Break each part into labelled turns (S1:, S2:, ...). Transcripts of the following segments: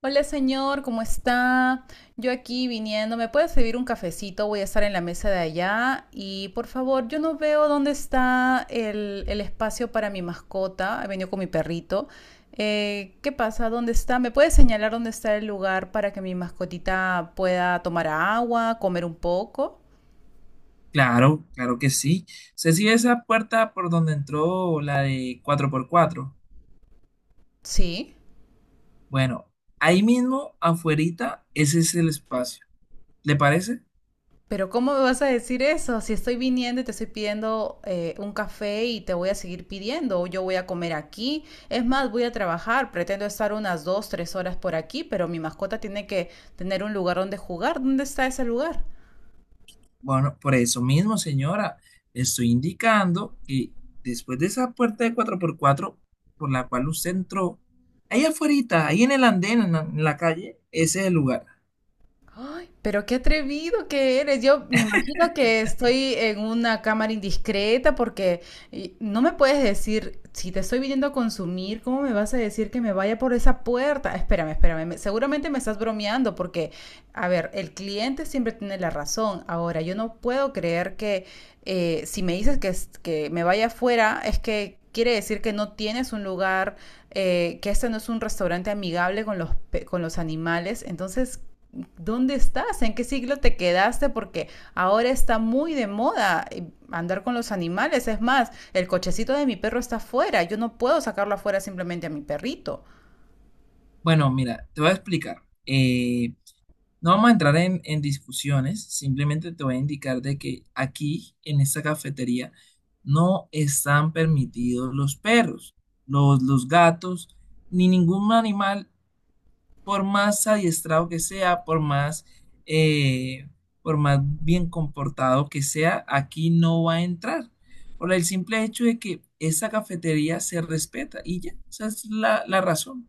S1: Hola señor, ¿cómo está? Yo aquí viniendo, ¿me puede servir un cafecito? Voy a estar en la mesa de allá y por favor, yo no veo dónde está el espacio para mi mascota. He venido con mi perrito. ¿Qué pasa? ¿Dónde está? ¿Me puede señalar dónde está el lugar para que mi mascotita pueda tomar agua, comer un poco?
S2: Claro, claro que sí. ¿Se sigue esa puerta por donde entró la de cuatro por cuatro?
S1: Sí.
S2: Bueno, ahí mismo, afuerita, ese es el espacio. ¿Le parece?
S1: Pero ¿cómo me vas a decir eso? Si estoy viniendo y te estoy pidiendo un café y te voy a seguir pidiendo, o yo voy a comer aquí. Es más, voy a trabajar, pretendo estar unas dos, tres horas por aquí, pero mi mascota tiene que tener un lugar donde jugar. ¿Dónde está ese lugar?
S2: Bueno, por eso mismo, señora, le estoy indicando que después de esa puerta de cuatro por cuatro, por la cual usted entró, ahí afuerita, ahí en el andén, en la calle, ese es el lugar.
S1: Ay, pero qué atrevido que eres. Yo me imagino que estoy en una cámara indiscreta porque y, no me puedes decir, si te estoy viniendo a consumir, ¿cómo me vas a decir que me vaya por esa puerta? Espérame, espérame. Seguramente me estás bromeando porque, a ver, el cliente siempre tiene la razón. Ahora, yo no puedo creer que si me dices que, que me vaya afuera, es que quiere decir que no tienes un lugar, que este no es un restaurante amigable con los, con los animales. Entonces, ¿dónde estás? ¿En qué siglo te quedaste? Porque ahora está muy de moda andar con los animales. Es más, el cochecito de mi perro está afuera. Yo no puedo sacarlo afuera simplemente a mi perrito.
S2: Bueno, mira, te voy a explicar. No vamos a entrar en discusiones, simplemente te voy a indicar de que aquí, en esta cafetería, no están permitidos los perros, los gatos, ni ningún animal, por más adiestrado que sea, eh, por más bien comportado que sea, aquí no va a entrar. Por el simple hecho de que esa cafetería se respeta y ya, esa es la razón.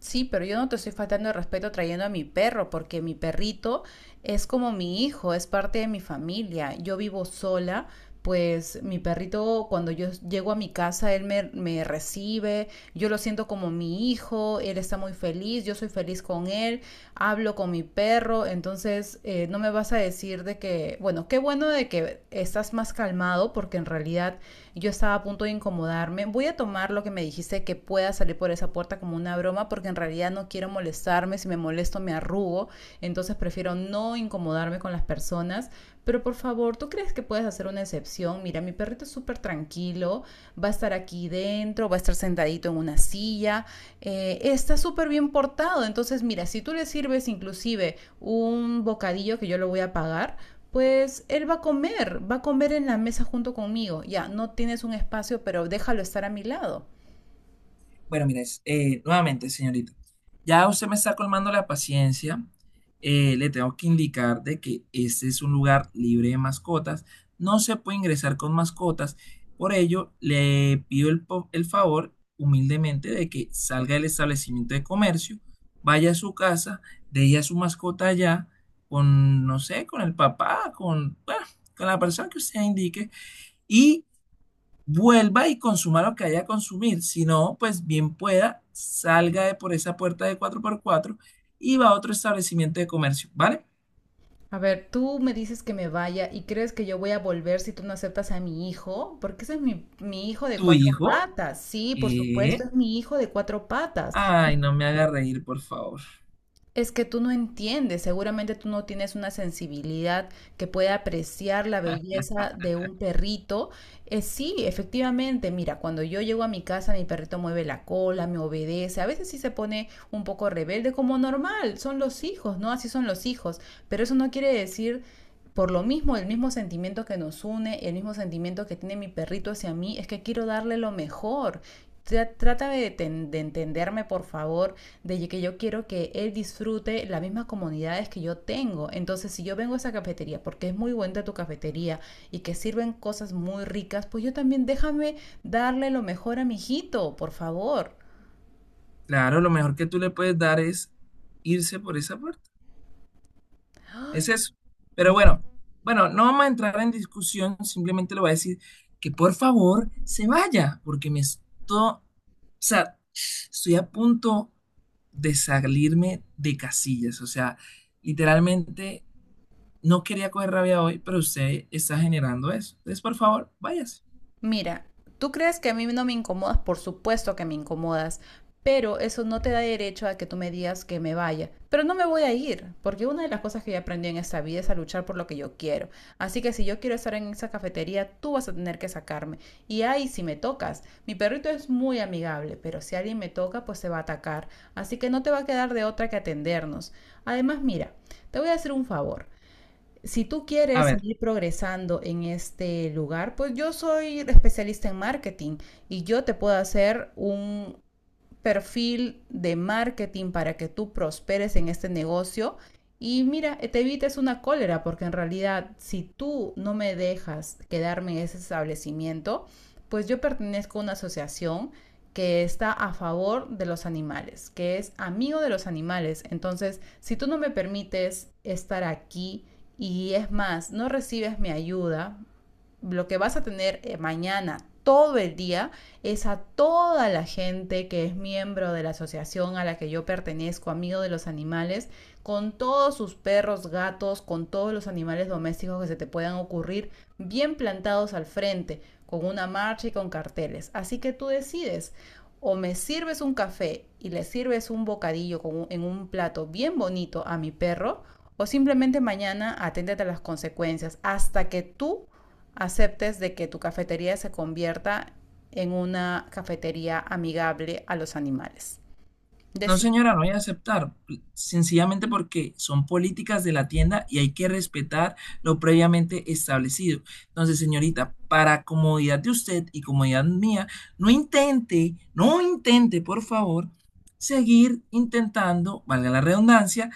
S1: Sí, pero yo no te estoy faltando el respeto trayendo a mi perro, porque mi perrito es como mi hijo, es parte de mi familia. Yo vivo sola, pues mi perrito cuando yo llego a mi casa, él me recibe, yo lo siento como mi hijo, él está muy feliz, yo soy feliz con él, hablo con mi perro, entonces no me vas a decir de que, bueno, qué bueno de que estás más calmado, porque en realidad yo estaba a punto de incomodarme. Voy a tomar lo que me dijiste que pueda salir por esa puerta como una broma porque en realidad no quiero molestarme. Si me molesto me arrugo. Entonces prefiero no incomodarme con las personas. Pero por favor, ¿tú crees que puedes hacer una excepción? Mira, mi perrito es súper tranquilo, va a estar aquí dentro, va a estar sentadito en una silla, está súper bien portado. Entonces, mira, si tú le sirves inclusive un bocadillo que yo lo voy a pagar, pues él va a comer en la mesa junto conmigo. Ya, no tienes un espacio, pero déjalo estar a mi lado.
S2: Bueno, mire, nuevamente, señorita, ya usted me está colmando la paciencia. Le tengo que indicar de que este es un lugar libre de mascotas. No se puede ingresar con mascotas. Por ello, le pido el favor humildemente de que salga del establecimiento de comercio, vaya a su casa, deje a su mascota allá con, no sé, con el papá, con, bueno, con la persona que usted indique y vuelva y consuma lo que haya que consumir. Si no, pues bien pueda, salga de por esa puerta de cuatro por cuatro y va a otro establecimiento de comercio, ¿vale?
S1: A ver, tú me dices que me vaya y crees que yo voy a volver si tú no aceptas a mi hijo, porque ese es mi hijo de
S2: Tu
S1: cuatro
S2: hijo,
S1: patas. Sí, por supuesto,
S2: eh,
S1: es mi hijo de cuatro patas.
S2: ay, no me haga reír, por favor.
S1: Es que tú no entiendes, seguramente tú no tienes una sensibilidad que pueda apreciar la belleza de un perrito. Sí, efectivamente, mira, cuando yo llego a mi casa, mi perrito mueve la cola, me obedece, a veces sí se pone un poco rebelde, como normal, son los hijos, ¿no? Así son los hijos, pero eso no quiere decir... Por lo mismo, el mismo sentimiento que nos une, el mismo sentimiento que tiene mi perrito hacia mí, es que quiero darle lo mejor. Trata de, de entenderme, por favor, de que yo quiero que él disfrute las mismas comodidades que yo tengo. Entonces, si yo vengo a esa cafetería porque es muy buena tu cafetería y que sirven cosas muy ricas, pues yo también déjame darle lo mejor a mi hijito, por favor.
S2: Claro, lo mejor que tú le puedes dar es irse por esa puerta. Es
S1: Ay,
S2: eso. Pero
S1: no.
S2: bueno, no vamos a entrar en discusión, simplemente le voy a decir que por favor se vaya, porque me estoy, o sea, estoy a punto de salirme de casillas, o sea, literalmente no quería coger rabia hoy, pero usted está generando eso. Entonces, por favor, váyase.
S1: Mira, tú crees que a mí no me incomodas, por supuesto que me incomodas, pero eso no te da derecho a que tú me digas que me vaya. Pero no me voy a ir, porque una de las cosas que yo aprendí en esta vida es a luchar por lo que yo quiero. Así que si yo quiero estar en esa cafetería, tú vas a tener que sacarme. Y ahí si me tocas, mi perrito es muy amigable, pero si alguien me toca, pues se va a atacar. Así que no te va a quedar de otra que atendernos. Además, mira, te voy a hacer un favor si tú
S2: A
S1: quieres
S2: ver.
S1: ir progresando en este lugar, pues yo soy especialista en marketing y yo te puedo hacer un perfil de marketing para que tú prosperes en este negocio. Y mira, te evites una cólera, porque en realidad si tú no me dejas quedarme en ese establecimiento, pues yo pertenezco a una asociación que está a favor de los animales, que es amigo de los animales. Entonces, si tú no me permites estar aquí y es más, no recibes mi ayuda, lo que vas a tener mañana todo el día es a toda la gente que es miembro de la asociación a la que yo pertenezco, amigo de los animales, con todos sus perros, gatos, con todos los animales domésticos que se te puedan ocurrir, bien plantados al frente, con una marcha y con carteles. Así que tú decides, o me sirves un café y le sirves un bocadillo con un, en un plato bien bonito a mi perro, o simplemente mañana aténtate a las consecuencias hasta que tú aceptes de que tu cafetería se convierta en una cafetería amigable a los animales.
S2: No,
S1: Decir,
S2: señora, no voy a aceptar, sencillamente porque son políticas de la tienda y hay que respetar lo previamente establecido. Entonces, señorita, para comodidad de usted y comodidad mía, no intente, no intente, por favor, seguir intentando, valga la redundancia,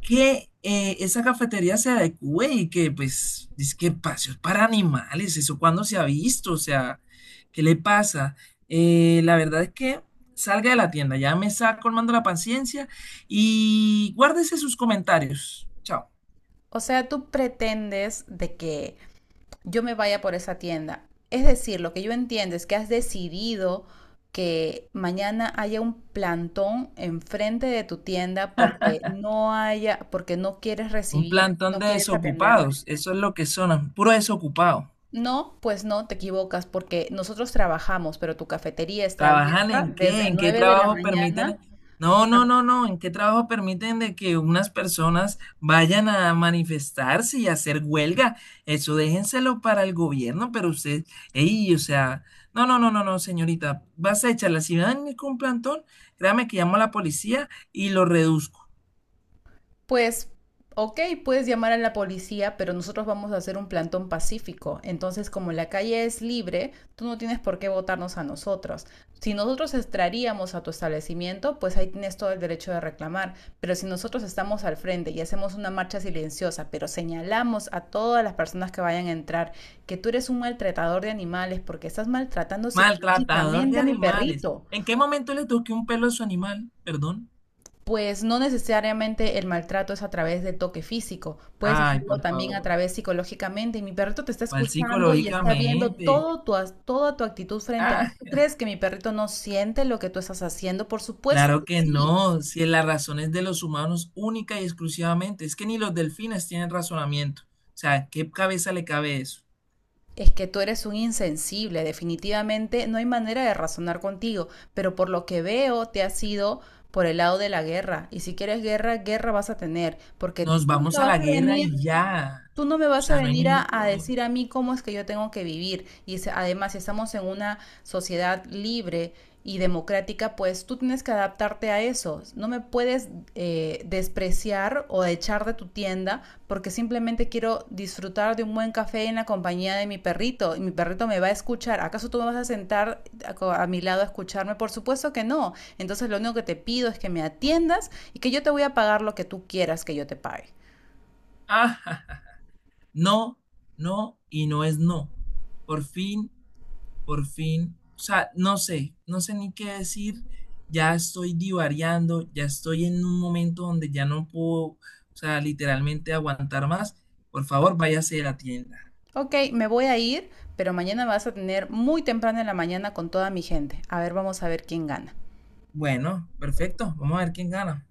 S2: que esa cafetería se adecue y que, pues, es que espacios para animales, eso cuando se ha visto, o sea, ¿qué le pasa? La verdad es que salga de la tienda, ya me está colmando la paciencia y guárdese sus comentarios. Chao.
S1: o sea, tú pretendes de que yo me vaya por esa tienda. Es decir, lo que yo entiendo es que has decidido que mañana haya un plantón enfrente de tu tienda porque no haya, porque no quieres
S2: Un
S1: recibir,
S2: plantón
S1: no
S2: de
S1: quieres atenderme.
S2: desocupados, eso es lo que son, puro desocupado.
S1: No, pues no, te equivocas porque nosotros trabajamos, pero tu cafetería está
S2: ¿Trabajar
S1: abierta
S2: en
S1: desde
S2: qué? ¿En qué
S1: nueve de la
S2: trabajo permiten?
S1: mañana
S2: No, no, no, no. ¿En qué trabajo permiten de que unas personas vayan a manifestarse y hacer huelga? Eso déjenselo para el gobierno, pero usted, ey, o sea, no, no, no, no, no, señorita. Vas a echarla. Si van con un plantón, créame que llamo a la policía y lo reduzco.
S1: Pues, ok, puedes llamar a la policía, pero nosotros vamos a hacer un plantón pacífico. Entonces, como la calle es libre, tú no tienes por qué votarnos a nosotros. Si nosotros entraríamos a tu establecimiento, pues ahí tienes todo el derecho de reclamar. Pero si nosotros estamos al frente y hacemos una marcha silenciosa, pero señalamos a todas las personas que vayan a entrar que tú eres un maltratador de animales porque estás maltratando
S2: Maltratador de
S1: psicológicamente a mi
S2: animales.
S1: perrito.
S2: ¿En qué momento le toqué un pelo a su animal? Perdón.
S1: Pues no necesariamente el maltrato es a través de toque físico, puedes
S2: Ay,
S1: hacerlo
S2: por
S1: también a
S2: favor.
S1: través psicológicamente. Y mi perrito te está
S2: Mal
S1: escuchando y está viendo
S2: psicológicamente.
S1: todo tu, toda tu actitud frente a él. ¿Tú crees que mi perrito no siente lo que tú estás haciendo? Por supuesto
S2: Claro
S1: que
S2: que
S1: sí.
S2: no, si la razón es de los humanos única y exclusivamente, es que ni los delfines tienen razonamiento. O sea, ¿qué cabeza le cabe eso?
S1: Es que tú eres un insensible, definitivamente no hay manera de razonar contigo, pero por lo que veo te has ido por el lado de la guerra. Y si quieres guerra, guerra vas a tener, porque
S2: Nos
S1: tú
S2: vamos
S1: no
S2: a
S1: vas
S2: la
S1: a
S2: guerra y
S1: venir.
S2: ya.
S1: Tú no me
S2: O
S1: vas a
S2: sea, no hay
S1: venir a,
S2: ningún
S1: a
S2: problema.
S1: decir a mí cómo es que yo tengo que vivir. Y además, si estamos en una sociedad libre y democrática, pues tú tienes que adaptarte a eso. No me puedes despreciar o echar de tu tienda porque simplemente quiero disfrutar de un buen café en la compañía de mi perrito. Y mi perrito me va a escuchar. ¿Acaso tú me vas a sentar a, a mi lado a escucharme? Por supuesto que no. Entonces, lo único que te pido es que me atiendas y que yo te voy a pagar lo que tú quieras que yo te pague.
S2: Ah, ja, ja. No, no y no es no. Por fin, por fin. O sea, no sé, no sé ni qué decir. Ya estoy divariando, ya estoy en un momento donde ya no puedo, o sea, literalmente aguantar más. Por favor, váyase a la tienda.
S1: Ok, me voy a ir, pero mañana vas a tener muy temprano en la mañana con toda mi gente. A ver, vamos a ver quién gana.
S2: Bueno, perfecto. Vamos a ver quién gana.